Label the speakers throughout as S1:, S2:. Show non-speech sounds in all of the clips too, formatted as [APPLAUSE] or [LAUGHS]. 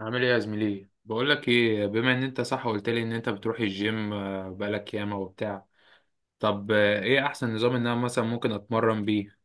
S1: عامل ايه يا زميلي؟ بقول لك ايه، بما ان انت صح قلت لي ان انت بتروح الجيم بقالك ياما وبتاع. طب ايه احسن نظام ان انا مثلا ممكن اتمرن بيه؟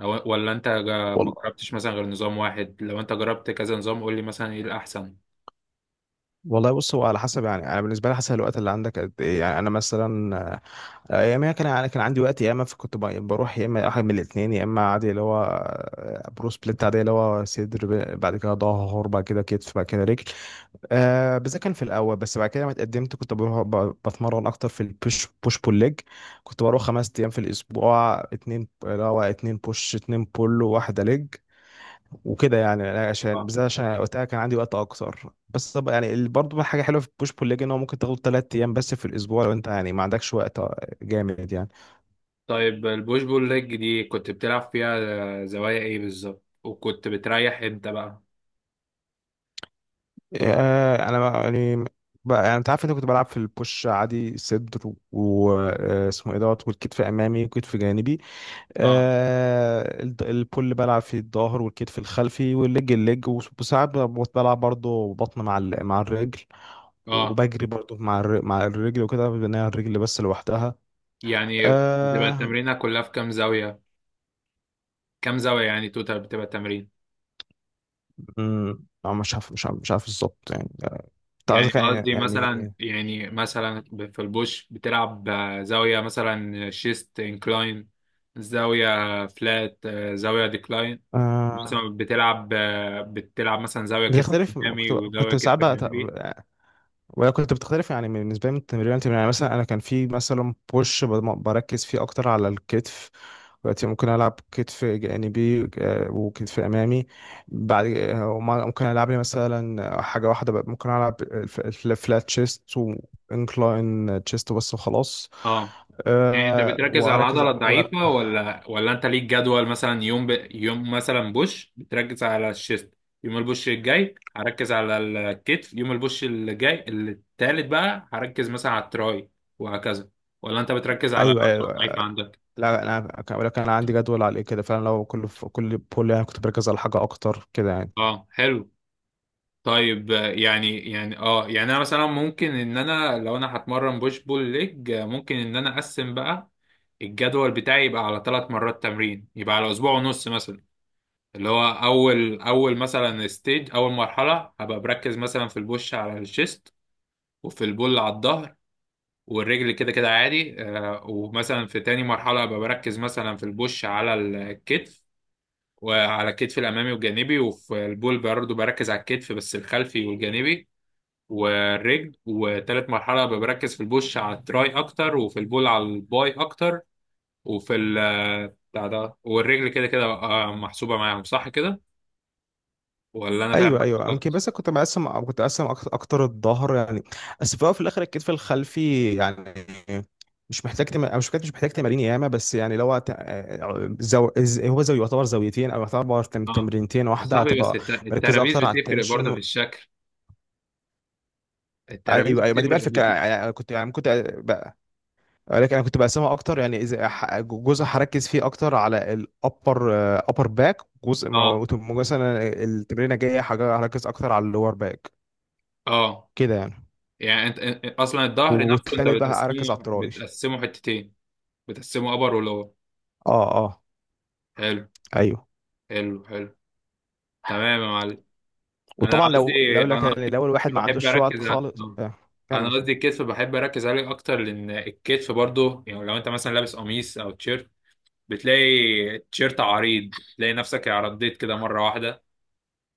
S1: أو ولا انت ما
S2: والله،
S1: جربتش مثلا غير نظام واحد؟ لو انت جربت كذا نظام قول لي مثلا ايه الاحسن.
S2: والله بص، هو على حسب يعني. انا بالنسبه لي حسب الوقت اللي عندك قد ايه. يعني انا مثلا ايامها كان انا كان عندي وقت. يا اما فكنت بروح، يا اما واحد من الاثنين. يا اما عادي اللي هو برو سبليت، عادي اللي هو صدر بعد كده ظهر بعد كده كتف بعد كده رجل. آه بس ده كان في الاول، بس بعد كده لما اتقدمت كنت بروح بتمرن اكتر في البوش بول ليج. كنت بروح 5 ايام في الاسبوع، اتنين اللي هو اتنين بوش اتنين بول وواحده ليج. وكده يعني أنا، عشان
S1: اه،
S2: بالذات عشان وقتها كان عندي وقت اكتر. بس طب يعني برضه حاجه حلوه في بوش بول ليج، ان هو ممكن تاخد 3 ايام بس في الاسبوع لو انت يعني ما عندكش وقت. جامد يعني.
S1: طيب البوش بول ليج دي كنت بتلعب فيها زوايا ايه بالظبط؟ وكنت بتريح امتى بقى؟
S2: يعني بقى يعني انت عارف، انت كنت بلعب في البوش عادي صدر واسمه ايه دوت، والكتف امامي والكتف جانبي.
S1: اه،
S2: آه البول بلعب في الظهر والكتف الخلفي، والليج الليج، وساعات بلعب برضه بطن مع مع الرجل.
S1: اه،
S2: وبجري برضه مع مع الرجل. وكده بناء الرجل بس لوحدها.
S1: يعني بتبقى
S2: آه.
S1: التمرينة كلها في كام زاوية؟ كام زاوية يعني توتال بتبقى التمرين.
S2: لا، مش عارف بالظبط يعني. كنت
S1: يعني
S2: عايز يعني
S1: قصدي مثلا، يعني مثلا في البوش بتلعب زاوية مثلا شيست انكلاين، زاوية فلات، زاوية ديكلاين. مثلا
S2: آه
S1: بتلعب مثلا زاوية كتف
S2: بتختلف،
S1: أمامي
S2: كنت
S1: وزاوية كتف
S2: ساعات بقى
S1: جانبي.
S2: وهي كنت بتختلف يعني بالنسبه لي من تمرين لتمرين. يعني مثلا انا كان في مثلا بوش بركز فيه اكتر على الكتف. دلوقتي ممكن العب كتف جانبي وكتف امامي بعد. ممكن العب لي مثلا حاجه واحده بقى، ممكن العب الفلات تشيست وانكلاين تشيست بس وخلاص.
S1: اه، يعني انت
S2: أه
S1: بتركز على
S2: واركز
S1: العضله
S2: وأر-
S1: الضعيفه ولا انت ليك جدول، مثلا يوم يوم مثلا بوش بتركز على الشيست، يوم البوش الجاي هركز على الكتف، يوم البوش الجاي التالت بقى هركز مثلا على التراي، وهكذا؟ ولا انت بتركز على
S2: ايوه ايوه
S1: العضله
S2: أيوة.
S1: الضعيفه عندك؟
S2: لا، انا ولكن انا عندي جدول عليه كده فعلا. لو كل بول يعني كنت بركز على حاجه اكتر كده يعني.
S1: اه، حلو. طيب يعني يعني انا مثلا ممكن ان انا لو انا هتمرن بوش بول ليج ممكن ان انا اقسم بقى الجدول بتاعي، يبقى على ثلاث مرات تمرين، يبقى على اسبوع ونص مثلا. اللي هو اول مثلا ستيج، اول مرحله هبقى بركز مثلا في البوش على الشيست وفي البول على الظهر، والرجل كده كده عادي. ومثلا في تاني مرحله هبقى بركز مثلا في البوش على الكتف، وعلى الكتف الامامي والجانبي، وفي البول برضه بركز على الكتف بس الخلفي والجانبي والرجل. وتالت مرحله هبقى بركز في البوش على التراي اكتر وفي البول على الباي اكتر وفي ال آه، بتاع ده، والرجل كده كده محسوبه معاهم. صح كده ولا انا فاهم؟
S2: ايوه ايوه، يمكن. بس كنت مقسم، أو كنت مقسم أكت- اكتر الظهر يعني، بس في الأول وفي الاخر الكتف الخلفي يعني. مش محتاج تم... أو مش محتاج مش محتاج تمارين ياما، بس يعني لو هو زو يعتبر زاويتين او يعتبر
S1: اه،
S2: تمرينتين
S1: يا
S2: واحده،
S1: صاحبي، بس
S2: هتبقى مركز
S1: الترابيز
S2: اكتر على
S1: بتفرق برضه
S2: التنشن.
S1: في الشكل، الترابيز
S2: ايوه ايوه، ما دي بقى
S1: بتفرق
S2: الفكره يعني. أنا كنت يعني كنت بقى، لكن انا كنت بقسمها اكتر. يعني اذا جزء هركز فيه اكتر على الابر، ابر باك. جزء
S1: اه،
S2: مثلا التمرينه جايه هركز اكتر على اللور باك،
S1: اه،
S2: كده يعني.
S1: يعني انت اصلا الظهر نفسه انت
S2: والتالت بقى اركز على
S1: بتقسمه
S2: الطراويش.
S1: بتقسمه حتتين؟ بتقسمه ابر ولور؟
S2: اه اه.
S1: حلو.
S2: ايوه.
S1: حلو حلو. تمام يا معلم. انا
S2: وطبعا لو
S1: قصدي
S2: لو لك
S1: انا
S2: يعني، لو الواحد
S1: قصدي
S2: ما
S1: بحب
S2: عندوش وقت
S1: اركز على...
S2: خالص
S1: آه.
S2: آه.
S1: انا
S2: كمل كمل.
S1: قصدي الكتف بحب اركز عليه اكتر، لان الكتف برضه يعني لو انت مثلا لابس قميص او تيشيرت، بتلاقي تيشيرت عريض، تلاقي نفسك عرضيت كده مره واحده.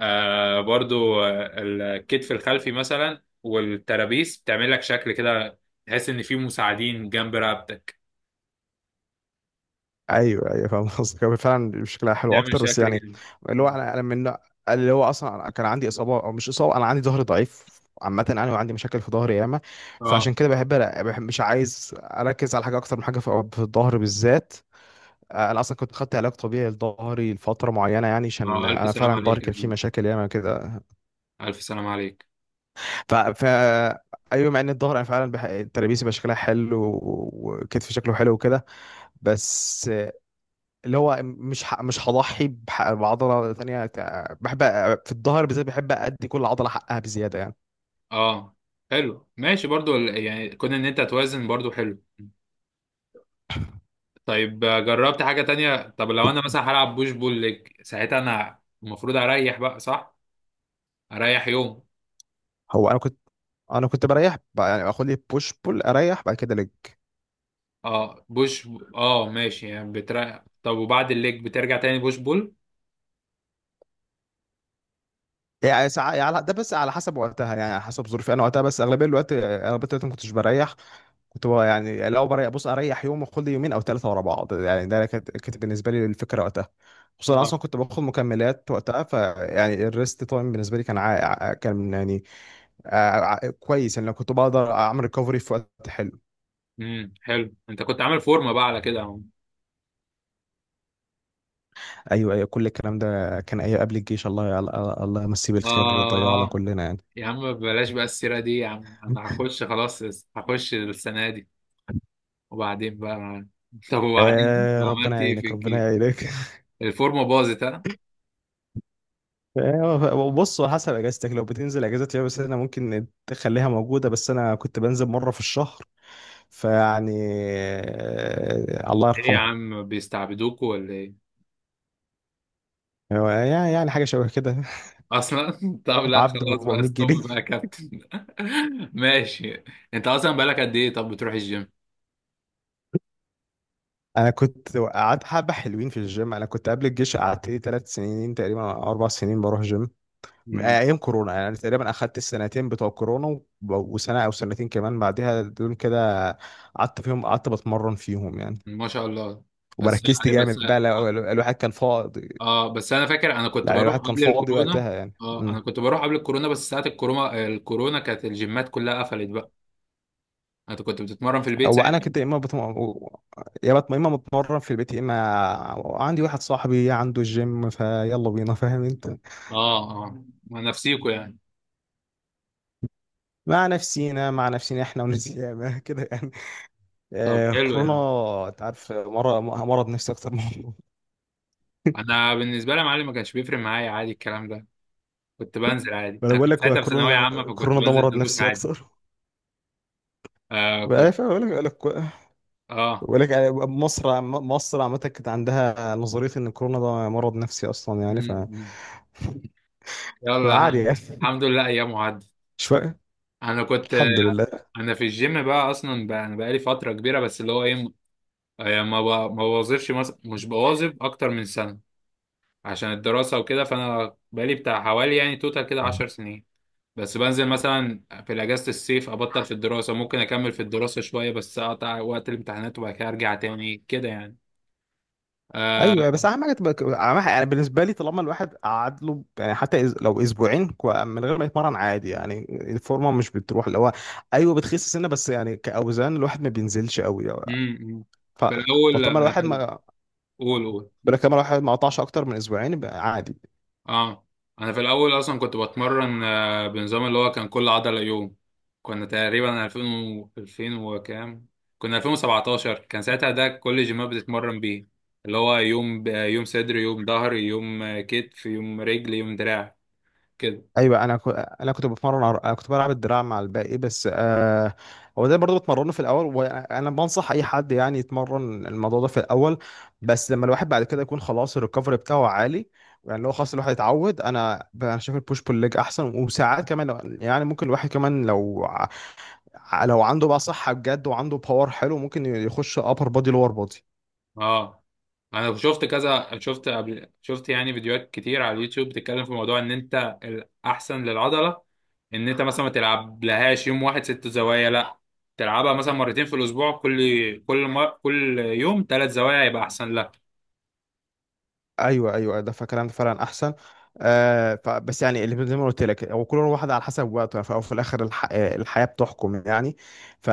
S1: برضو الكتف الخلفي مثلا والترابيس بتعمل لك شكل كده، تحس ان في مساعدين جنب رقبتك،
S2: ايوه ايوه، فاهم قصدك. هو فعلا شكلها حلو
S1: تعمل
S2: اكتر، بس
S1: شكل
S2: يعني
S1: جميل.
S2: اللي هو
S1: اه،
S2: انا، انا اللي هو اصلا أنا كان عندي اصابه، او مش اصابه، انا عندي ظهري ضعيف عامة. أنا وعندي مشاكل في ظهري ياما.
S1: اه،
S2: فعشان كده بحب مش عايز أركز على حاجة أكتر من حاجة، في الظهر بالذات. انا اصلا كنت خدت علاج طبيعي لظهري لفتره معينه يعني. عشان
S1: اه، الف
S2: انا
S1: سلام
S2: فعلا ظهري
S1: عليك يا
S2: كان فيه
S1: زميلي.
S2: مشاكل ياما كده.
S1: الف سلام عليك.
S2: ف ايوه، مع ان الظهر انا فعلا ترابيزي بقى شكلها حلو، وكتفي شكله حلو وكده. بس اللي هو مش هضحي بعضله ثانيه بحب في الظهر بالذات بحب ادي كل عضله حقها بزياده يعني.
S1: اه، حلو ماشي برضو يعني كون ان انت توازن برضو حلو. طيب جربت حاجة تانية؟ طب لو انا مثلا هلعب بوش بول ليج ساعتها انا المفروض اريح بقى صح؟ اريح يوم؟
S2: هو انا كنت، انا كنت بريح يعني اخد لي بوش بول اريح بعد كده لج.
S1: اه، بوش. اه، ماشي، يعني بتريح. طب وبعد الليج بترجع تاني بوش بول؟
S2: يعني ساعة يعني ده بس على حسب وقتها، يعني على حسب ظروفي انا وقتها. بس اغلبيه الوقت، اغلبيه الوقت ما كنتش بريح. كنت بقى يعني لو بص اريح يوم واخد لي يومين او ثلاثه ورا بعض يعني. ده كانت بالنسبه لي الفكره وقتها. خصوصا أنا اصلا كنت باخد مكملات وقتها، فيعني الريست تايم بالنسبه لي كان كان يعني آه، كويس يعني، لو كنت بقدر اعمل ريكفري في وقت حلو.
S1: حلو. انت كنت عامل فورمه بقى على كده يا عم.
S2: ايوه ايوه، كل الكلام ده كان ايوه قبل الجيش. الله، الله، الله يمسيه بالخير، ضيعنا
S1: اه،
S2: كلنا يعني.
S1: يا عم بلاش بقى السيره دي يا عم، انا هخش خلاص، هخش السنه دي وبعدين بقى. [LAUGHS] طب وبعدين، طب
S2: آه، ربنا
S1: عملت ايه في
S2: يعينك ربنا
S1: الجيش؟
S2: يعينك. [LAUGHS]
S1: الفورمه باظت ها؟
S2: بص، على حسب اجازتك. لو بتنزل اجازات، يا بس انا ممكن تخليها موجوده. بس انا كنت بنزل مره في الشهر. فيعني الله
S1: ايه يا
S2: يرحمه.
S1: عم بيستعبدوكوا ولا ايه؟
S2: هو يعني حاجه شبه كده.
S1: اصلا. [LAUGHS] طب
S2: [LAUGHS]
S1: لا
S2: عبد ب
S1: خلاص بقى،
S2: 400
S1: ستوب
S2: جنيه
S1: بقى يا كابتن. [LAUGHS] ماشي. انت اصلا بقالك قد ايه طب بتروح الجيم؟
S2: انا كنت قعدت حبه حلوين في الجيم. انا كنت قبل الجيش قعدت لي 3 سنين تقريبا أو 4 سنين بروح جيم، من
S1: امم.
S2: ايام كورونا يعني. انا تقريبا اخدت السنتين بتوع كورونا وسنه او سنتين كمان بعدها، دول كده قعدت فيهم، قعدت بتمرن فيهم يعني.
S1: ما شاء الله. بس.
S2: وبركزت
S1: لا بس.
S2: جامد بقى الواحد كان فاضي،
S1: اه، بس انا فاكر انا كنت
S2: يعني
S1: بروح
S2: الواحد كان
S1: قبل
S2: فاضي
S1: الكورونا.
S2: وقتها يعني
S1: اه،
S2: م.
S1: انا كنت بروح قبل الكورونا، بس ساعة الكورونا كانت الجيمات كلها قفلت بقى. انت كنت بتتمرن في البيت
S2: هو انا
S1: ساعتها؟
S2: كنت، يا اما بتمرن في البيت، يا اما عندي واحد صاحبي عنده الجيم فيلا بينا، فاهم انت.
S1: اه، اه، مع نفسيكوا يعني؟
S2: مع نفسينا، مع نفسينا، احنا ونسينا. [LAUGHS] كده يعني.
S1: طب
S2: آه
S1: حلو،
S2: كورونا.
S1: يعني
S2: انت عارف مرض، مرض نفسي اكتر من. [LAUGHS]
S1: انا بالنسبة لي يا معلم ما كانش بيفرق معايا عادي الكلام ده، كنت بنزل عادي.
S2: انا
S1: انا
S2: بقول
S1: كنت
S2: لك هو
S1: ساعتها في ثانوية
S2: كورونا،
S1: عامة فكنت
S2: كورونا ده
S1: بنزل
S2: مرض
S1: دروس
S2: نفسي
S1: عادي.
S2: اكتر.
S1: آه، كنت...
S2: فاهم؟ بقول لك، بقول لك
S1: اه
S2: بقول لك يعني، مصر مصر عامه كانت عندها نظريه ان كورونا ده مرض نفسي اصلا يعني.
S1: مم، مم. يلا،
S2: فعادي يعني.
S1: الحمد لله ايام عدت.
S2: [LAUGHS] شويه.
S1: انا كنت
S2: الحمد لله.
S1: انا في الجيم بقى اصلا، بقى انا بقالي فترة كبيرة، بس اللي هو ايه، يعني ما بوظفش مثلا، مش بوظف اكتر من سنه عشان الدراسه وكده. فانا بقالي بتاع حوالي يعني توتال كده 10 سنين، بس بنزل مثلا في اجازه الصيف، ابطل في الدراسه ممكن اكمل في الدراسه شويه بس اقطع وقت الامتحانات وبعد كده ارجع تاني كده يعني. آه.
S2: ايوه، بس اهم حاجه تبقى اهم حاجه يعني، بالنسبه لي طالما الواحد قعد له يعني حتى لو اسبوعين من غير ما يتمرن، عادي يعني. الفورمه مش بتروح، اللي هو ايوه بتخس سنه بس يعني، كاوزان الواحد ما بينزلش قوي يعني.
S1: أمم.
S2: ف...
S1: في الاول
S2: فطالما
S1: انا
S2: الواحد
S1: في
S2: ما
S1: قول قول.
S2: بلا كمان، الواحد ما قطعش اكتر من اسبوعين، يبقى عادي.
S1: اه، انا في الاول اصلا كنت بتمرن بنظام اللي هو كان كل عضله يوم. كنا تقريبا 2000 و 2000 وكام، كنا 2017 كان ساعتها ده كل الجيمات بتتمرن بيه. اللي هو يوم يوم صدر، يوم ظهر، يوم كتف، يوم رجل، يوم دراع، كده.
S2: ايوه، انا انا كنت بتمرن انا كنت بلعب الدراع مع الباقي بس هو ده برضه بتمرنه في الاول، وانا بنصح اي حد يعني يتمرن الموضوع ده في الاول، بس لما الواحد بعد كده يكون خلاص الريكفري بتاعه عالي يعني. لو خلاص الواحد اتعود، انا شايف البوش بول ليج احسن. وساعات كمان يعني ممكن الواحد كمان لو لو عنده بقى صحة بجد وعنده باور حلو، ممكن يخش ابر بودي لور بودي.
S1: اه، انا شفت كذا، شفت قبل، شفت يعني فيديوهات كتير على اليوتيوب بتتكلم في موضوع ان انت الاحسن للعضله ان انت مثلا ما تلعبلهاش يوم واحد ست زوايا، لا، تلعبها مثلا مرتين في الاسبوع، كل كل يوم ثلاث زوايا يبقى احسن لك.
S2: ايوه ايوه، ده فكلام فعلا احسن. آه بس يعني، اللي زي ما قلت لك، هو كل واحد على حسب وقته وفي الاخر الحياه بتحكم يعني.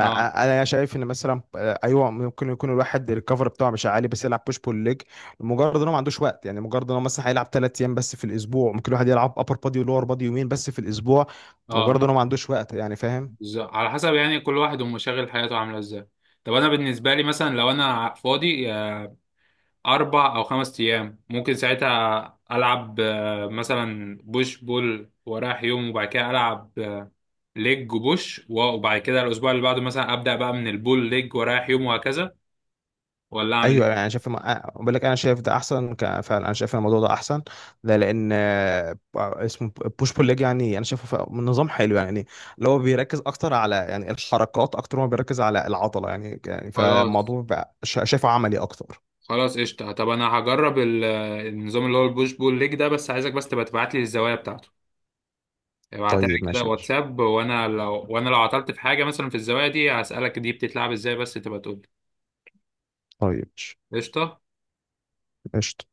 S1: اه،
S2: شايف ان مثلا ايوه، ممكن يكون الواحد الكفر بتاعه مش عالي بس يلعب بوش بول ليج، مجرد انه ما عندوش وقت يعني. مجرد انه مثلا هيلعب ثلاث ايام بس في الاسبوع. ممكن الواحد يلعب ابر بادي ولور بادي يومين بس في الاسبوع،
S1: اه،
S2: مجرد انه ما عندوش وقت يعني، فاهم.
S1: على حسب يعني كل واحد ومشاغل حياته عامله ازاي. طب انا بالنسبه لي مثلا لو انا فاضي 4 أو 5 أيام، ممكن ساعتها العب مثلا بوش بول ورايح يوم، وبعد كده العب ليج وبوش وبعد كده الاسبوع اللي بعده مثلا ابدا بقى من البول ليج ورايح يوم وهكذا. ولا اعمل
S2: ايوه، يعني
S1: ايه؟
S2: انا شايف ما- أه، بقول لك انا شايف ده احسن فعلا، انا شايف إن الموضوع ده احسن. ده لان آه، اسمه بوش بول ليج يعني انا شايفه من نظام حلو يعني، اللي هو بيركز اكتر على يعني الحركات اكتر ما بيركز على العضله يعني يعني.
S1: خلاص.
S2: فالموضوع بقى شايفه عملي اكتر.
S1: خلاص قشطة. طب أنا هجرب النظام اللي هو البوش بول ليج ده، بس عايزك بس تبقى تبعت لي الزوايا بتاعته، ابعتها لي
S2: طيب
S1: كده
S2: ماشي يا باشا،
S1: واتساب. وأنا لو عطلت في حاجة مثلا في الزوايا دي هسألك دي بتتلعب إزاي، بس تبقى تقول لي.
S2: طيب ماشي.
S1: قشطة.
S2: قشطة.